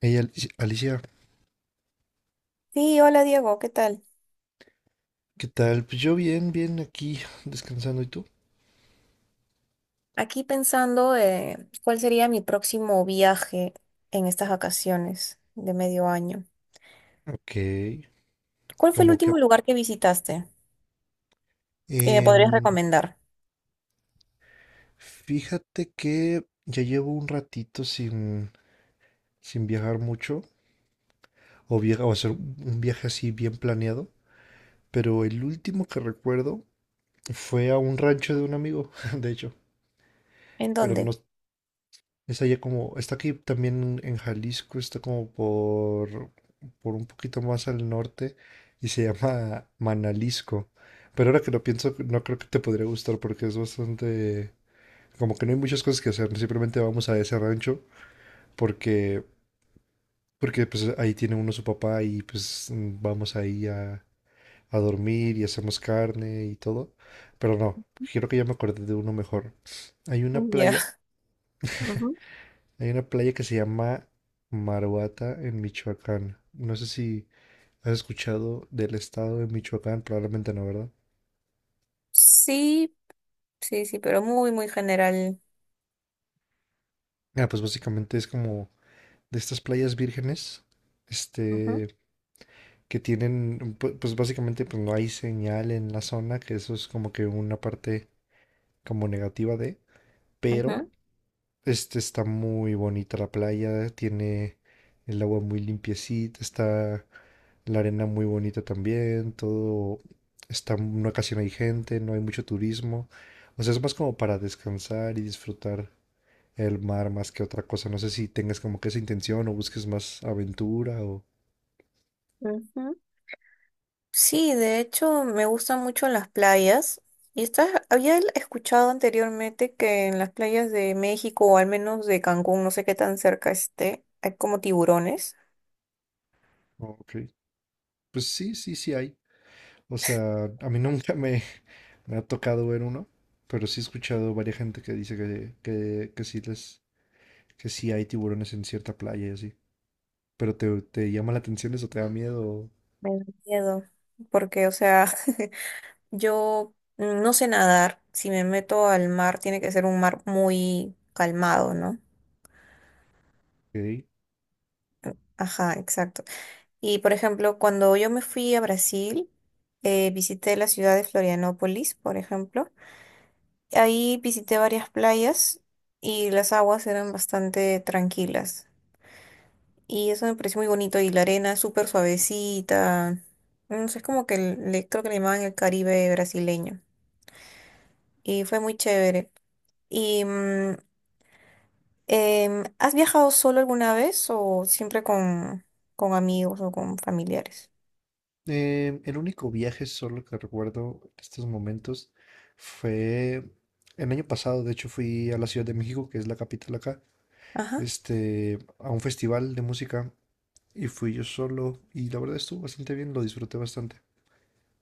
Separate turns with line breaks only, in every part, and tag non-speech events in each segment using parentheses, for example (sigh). Hey, Alicia, Alicia,
Sí, hola Diego, ¿qué tal?
¿qué tal? Pues yo bien, bien aquí descansando. ¿Y tú?
Aquí pensando cuál sería mi próximo viaje en estas vacaciones de medio año.
Ok,
¿Cuál fue el
como que...
último lugar que visitaste que me podrías
em,
recomendar?
fíjate que ya llevo un ratito sin viajar mucho o, viajar o hacer un viaje así bien planeado, pero el último que recuerdo fue a un rancho de un amigo, (laughs) de hecho,
¿En
pero no,
dónde?
está allá como, está aquí también en Jalisco, está como por un poquito más al norte y se llama Manalisco. Pero ahora que lo pienso, no creo que te podría gustar porque es bastante, como que no hay muchas cosas que hacer, simplemente vamos a ese rancho porque, porque pues ahí tiene uno su papá y pues vamos ahí a dormir y hacemos carne y todo. Pero no, quiero que ya me acordé de uno mejor. Hay una
Ya.
playa.
(laughs) Ujú.
Hay una playa que se llama Maruata en Michoacán. No sé si has escuchado del estado de Michoacán, probablemente no, ¿verdad?
Sí, sí, sí, pero muy, muy general.
Ah, pues básicamente es como de estas playas vírgenes,
Ujú,
este, que tienen, pues básicamente pues no hay señal en la zona, que eso es como que una parte como negativa de, pero
ujú,
este está muy bonita la playa, tiene el agua muy limpiecita, está la arena muy bonita también, todo está, no casi no hay gente, no hay mucho turismo. O sea, es más como para descansar y disfrutar el mar más que otra cosa. No sé si tengas como que esa intención o busques más aventura o...
ujú. Sí, de hecho me gustan mucho las playas. Y estás, había escuchado anteriormente que en las playas de México, o al menos de Cancún, no sé qué tan cerca esté, hay como tiburones.
Ok, pues sí, sí, sí hay. O sea, a mí (laughs) nunca me ha tocado ver uno, pero sí he escuchado varias gente que dice que sí les, que sí hay tiburones en cierta playa y así. Pero te llama la atención eso, te da miedo.
Me da miedo, porque, o sea, (laughs) yo no sé nadar. Si me meto al mar, tiene que ser un mar muy calmado, ¿no?
Ok.
Ajá, exacto. Y, por ejemplo, cuando yo me fui a Brasil, visité la ciudad de Florianópolis, por ejemplo. Ahí visité varias playas y las aguas eran bastante tranquilas. Y eso me pareció muy bonito. Y la arena es súper suavecita. No sé, es como que le, creo que le llamaban el Caribe brasileño. Y fue muy chévere. Y ¿has viajado solo alguna vez o siempre con amigos o con familiares?
El único viaje solo que recuerdo en estos momentos fue el año pasado, de hecho fui a la Ciudad de México, que es la capital acá,
Ajá.
este, a un festival de música y fui yo solo y la verdad estuvo bastante bien, lo disfruté bastante.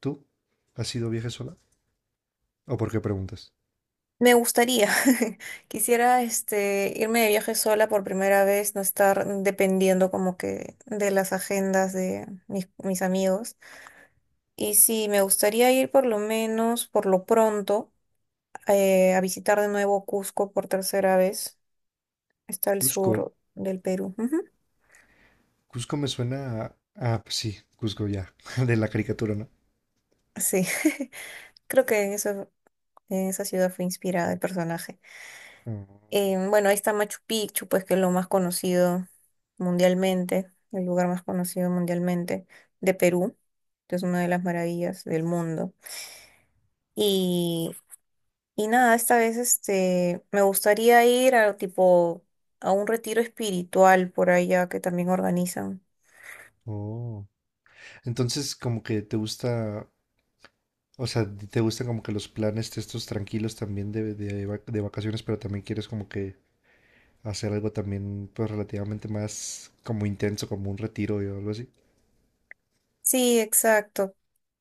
¿Tú has ido viaje sola? ¿O por qué preguntas?
Me gustaría. (laughs) Quisiera irme de viaje sola por primera vez, no estar dependiendo como que de las agendas de mis amigos. Y sí, me gustaría ir por lo menos, por lo pronto, a visitar de nuevo Cusco por tercera vez. Está al
Cusco.
sur del Perú. Ujú.
Cusco me suena a... Ah, pues sí, Cusco ya, (laughs) de la caricatura, ¿no?
Sí. (laughs) Creo que en eso. Esa ciudad fue inspirada el personaje.
Oh,
Bueno, ahí está Machu Picchu, pues que es lo más conocido mundialmente, el lugar más conocido mundialmente de Perú, que es una de las maravillas del mundo. Y, y nada, esta vez me gustaría ir a tipo a un retiro espiritual por allá que también organizan.
oh. Entonces, como que te gusta, o sea, te gustan como que los planes de estos tranquilos también de de vacaciones, pero también quieres como que hacer algo también, pues relativamente más como intenso, como un retiro o algo así.
Sí, exacto.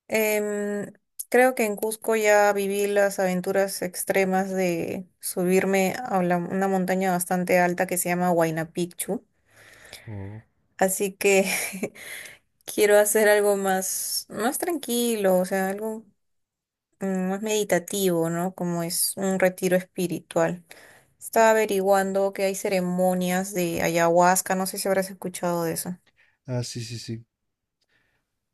Em, creo que en Cusco ya viví las aventuras extremas de subirme a una montaña bastante alta que se llama Huayna Picchu.
Oh.
Así que (laughs) quiero hacer algo más, más tranquilo, o sea, algo más meditativo, ¿no? Como es un retiro espiritual. Estaba averiguando que hay ceremonias de ayahuasca, no sé si habrás escuchado de eso.
Ah, sí, sí, sí.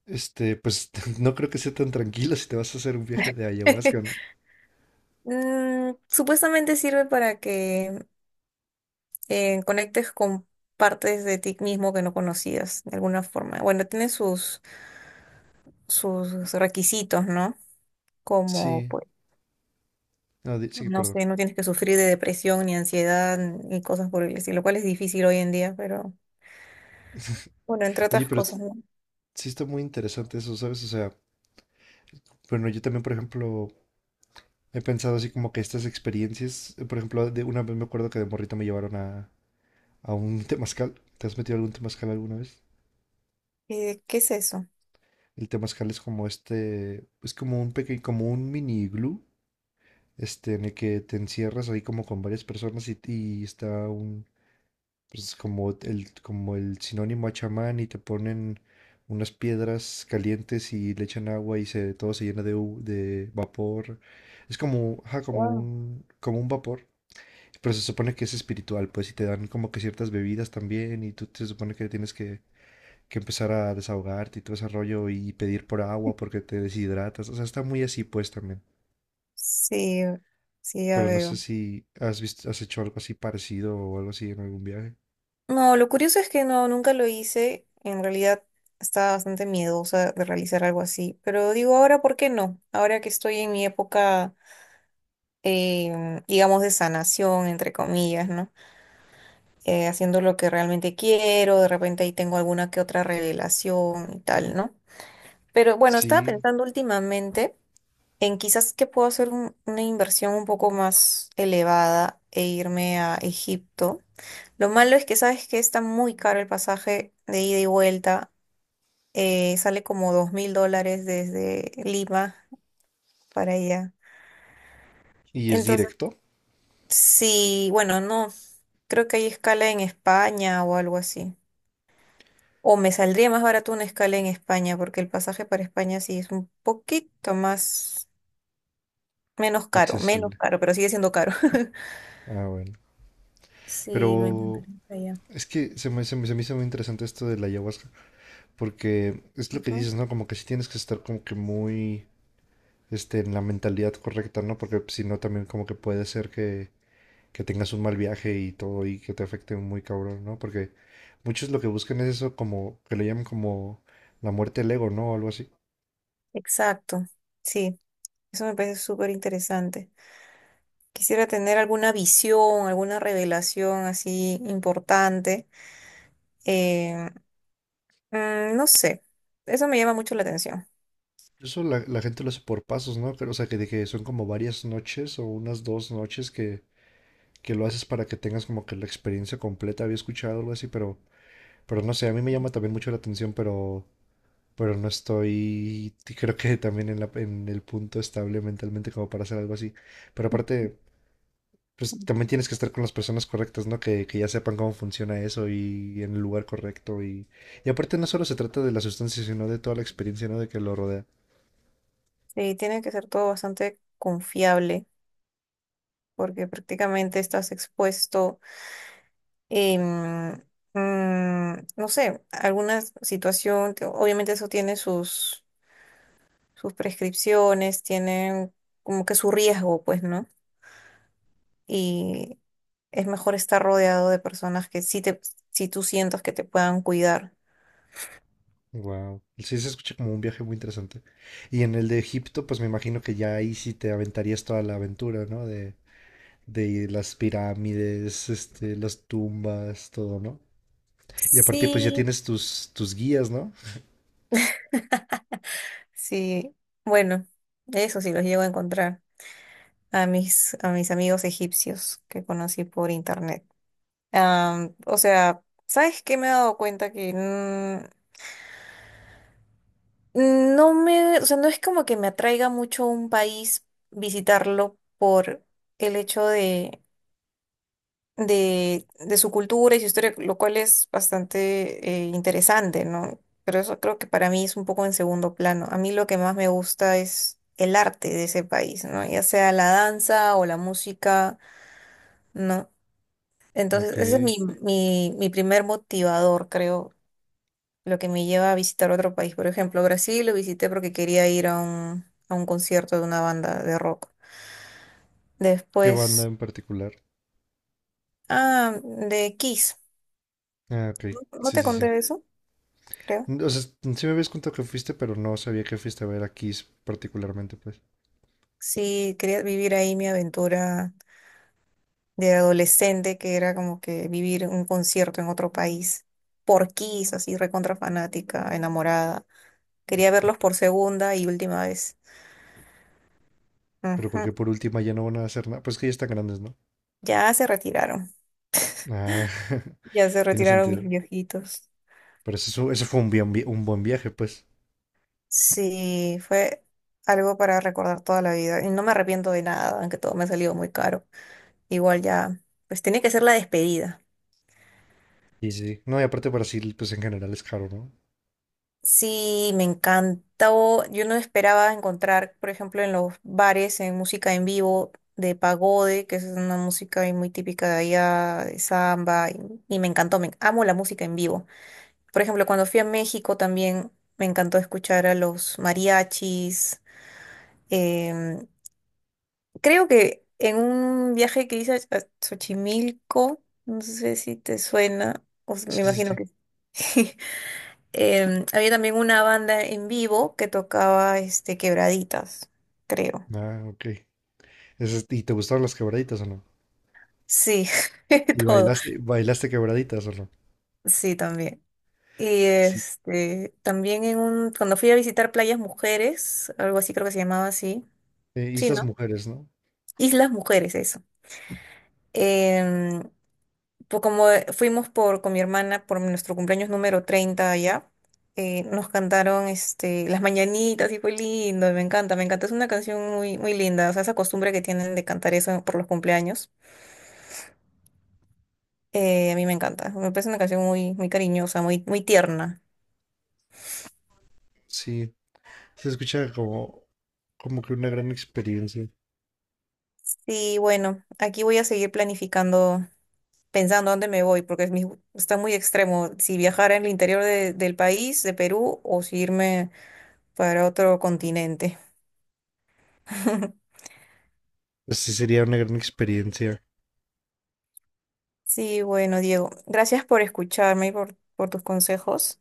Este, pues (laughs) no creo que sea tan tranquilo si te vas a hacer un viaje de ayahuasca, ¿no?
(laughs) Supuestamente sirve para que conectes con partes de ti mismo que no conocías de alguna forma. Bueno, tiene sus requisitos, ¿no? Como,
Sí,
pues,
no, sí,
no
perdón.
sé, no tienes que sufrir de depresión ni ansiedad ni cosas por el estilo, lo cual es difícil hoy en día, pero bueno, entre
Oye,
otras
pero
cosas, ¿no?
sí está muy interesante eso, ¿sabes? O sea, bueno, yo también, por ejemplo, he pensado así como que estas experiencias, por ejemplo, de una vez me acuerdo que de morrito me llevaron a un temazcal. ¿Te has metido algún temazcal alguna vez?
¿Qué es eso?
El temazcal es como este, es como un pequeño, como un mini iglú, este, en el que te encierras ahí como con varias personas y está un, pues como el sinónimo a chamán y te ponen unas piedras calientes y le echan agua y se, todo se llena de, de vapor. Es como, ajá,
Wow.
como un vapor, pero se supone que es espiritual, pues, y te dan como que ciertas bebidas también y tú te supone que tienes que empezar a desahogarte y todo ese rollo y pedir por agua porque te deshidratas. O sea, está muy así pues también.
Sí, sí, ya
Pero no sé
veo.
si has visto, has hecho algo así parecido o algo así en algún viaje.
No, lo curioso es que no, nunca lo hice. En realidad estaba bastante miedosa de realizar algo así. Pero digo, ahora, ¿por qué no? Ahora que estoy en mi época digamos, de sanación, entre comillas, ¿no? Haciendo lo que realmente quiero, de repente ahí tengo alguna que otra revelación y tal, ¿no? Pero bueno, estaba
Sí,
pensando últimamente en quizás que puedo hacer una inversión un poco más elevada e irme a Egipto. Lo malo es que sabes que está muy caro el pasaje de ida y vuelta, sale como 2000 dólares desde Lima para allá.
y es
Entonces.
directo,
Sí, bueno, no, creo que hay escala en España o algo así. O me saldría más barato una escala en España, porque el pasaje para España sí es un poquito más, menos
accesible.
caro, pero sigue siendo caro. (laughs)
Ah, bueno.
Sí, me
Pero
encantaría ir para allá.
es que se me hizo muy interesante esto de la ayahuasca, porque es lo que
Ujú,
dices, ¿no? Como que sí tienes que estar como que muy, este, en la mentalidad correcta, ¿no? Porque si no, también como que puede ser que tengas un mal viaje y todo y que te afecte muy cabrón, ¿no? Porque muchos lo que buscan es eso como, que le llaman como la muerte del ego, ¿no? O algo así.
exacto, sí, eso me parece súper interesante. Quisiera tener alguna visión, alguna revelación así importante. eh, no sé, eso me llama mucho la atención.
Eso la gente lo hace por pasos, ¿no? Pero, o sea, que, de que son como varias noches o unas dos noches que lo haces para que tengas como que la experiencia completa. Había escuchado algo así, pero no sé, a mí me llama también mucho la atención, pero no estoy, creo que también en el punto estable mentalmente como para hacer algo así. Pero aparte... pues también tienes que estar con las personas correctas, ¿no? Que ya sepan cómo funciona eso y, en el lugar correcto. Y aparte no solo se trata de la sustancia, sino de toda la experiencia, ¿no? De que lo rodea.
Sí, tiene que ser todo bastante confiable, porque prácticamente estás expuesto, em, no sé, alguna situación, que obviamente eso tiene sus, sus prescripciones, tiene como que su riesgo, pues, ¿no? Y es mejor estar rodeado de personas que sí te, si tú sientas que te puedan cuidar.
Wow. Sí, se escucha como un viaje muy interesante. Y en el de Egipto, pues me imagino que ya ahí sí te aventarías toda la aventura, ¿no? De las pirámides, este, las tumbas, todo, ¿no? Y aparte, pues ya
Sí,
tienes tus, tus guías, ¿no?
sí, bueno, eso sí los llego a encontrar a mis amigos egipcios que conocí por internet. O sea, ¿sabes qué me he dado cuenta? Que no me, o sea, no es como que me atraiga mucho un país visitarlo por el hecho de su cultura y su historia, lo cual es bastante interesante, ¿no? Pero eso creo que para mí es un poco en segundo plano. A mí lo que más me gusta es el arte de ese país, ¿no? Ya sea la danza o la música, ¿no? Entonces,
Ok.
ese es mi primer motivador, creo. Lo que me lleva a visitar otro país. Por ejemplo, Brasil lo visité porque quería ir a un concierto de una banda de rock.
¿Qué banda
Después,
en particular?
ah, de Kiss.
Ah, ok.
¿No
Sí,
te
sí,
conté
sí.
de eso? Creo.
O sea, sí me habías contado que fuiste, pero no sabía que fuiste a ver a Kiss particularmente, pues.
Sí, quería vivir ahí mi aventura de adolescente, que era como que vivir un concierto en otro país por Kiss, así recontra fanática, enamorada. Quería verlos por segunda y última vez.
Pero
Ujú.
porque por última ya no van a hacer nada. Pues que ya están grandes, ¿no?
Ya se retiraron,
Ah, (laughs)
ya se
tiene
retiraron mis
sentido.
viejitos.
Pero eso, fue un, un buen viaje, pues.
Sí, fue algo para recordar toda la vida. Y no me arrepiento de nada, aunque todo me ha salido muy caro. Igual ya, pues tiene que ser la despedida.
Y sí. No, y aparte Brasil, pues en general es caro, ¿no?
Sí, me encantó. Yo no esperaba encontrar, por ejemplo, en los bares, en música en vivo de pagode, que es una música ahí muy típica de allá, de samba, y me encantó, me amo la música en vivo. Por ejemplo, cuando fui a México también me encantó escuchar a los mariachis. em, Creo que en un viaje que hice a Xochimilco, no sé si te suena, me
Sí, sí,
imagino
sí.
que sí. (laughs) Había también una banda en vivo que tocaba este quebraditas, creo.
Ah, ok. Eso ¿y te gustaron las quebraditas o no?
Sí,
¿Y
(laughs) todo.
bailaste, bailaste quebraditas o no?
Sí, también. Y
Sí.
este, también en un, cuando fui a visitar Playas Mujeres, algo así creo que se llamaba así. Sí,
Islas
¿no?
Mujeres, ¿no?
Islas Mujeres, eso. Em, pues como fuimos por, con mi hermana por nuestro cumpleaños número 30 allá, nos cantaron Las Mañanitas y fue lindo, y me encanta, me encanta. Es una canción muy, muy linda, o sea, esa costumbre que tienen de cantar eso por los cumpleaños, a mí me encanta. Me parece una canción muy, muy cariñosa, muy, muy tierna.
Sí. Se escucha como, como que una gran experiencia.
Sí, bueno, aquí voy a seguir planificando, pensando dónde me voy, porque es está muy extremo si viajar al interior del país, de Perú, o si irme para otro continente. (laughs)
Pues sí, sería una gran experiencia.
Sí, bueno, Diego, gracias por escucharme y por tus consejos.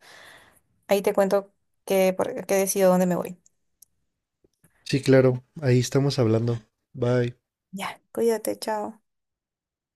Ahí te cuento que, que decido dónde me voy.
Sí, claro, ahí estamos hablando. Bye.
Ya, cuídate, chao.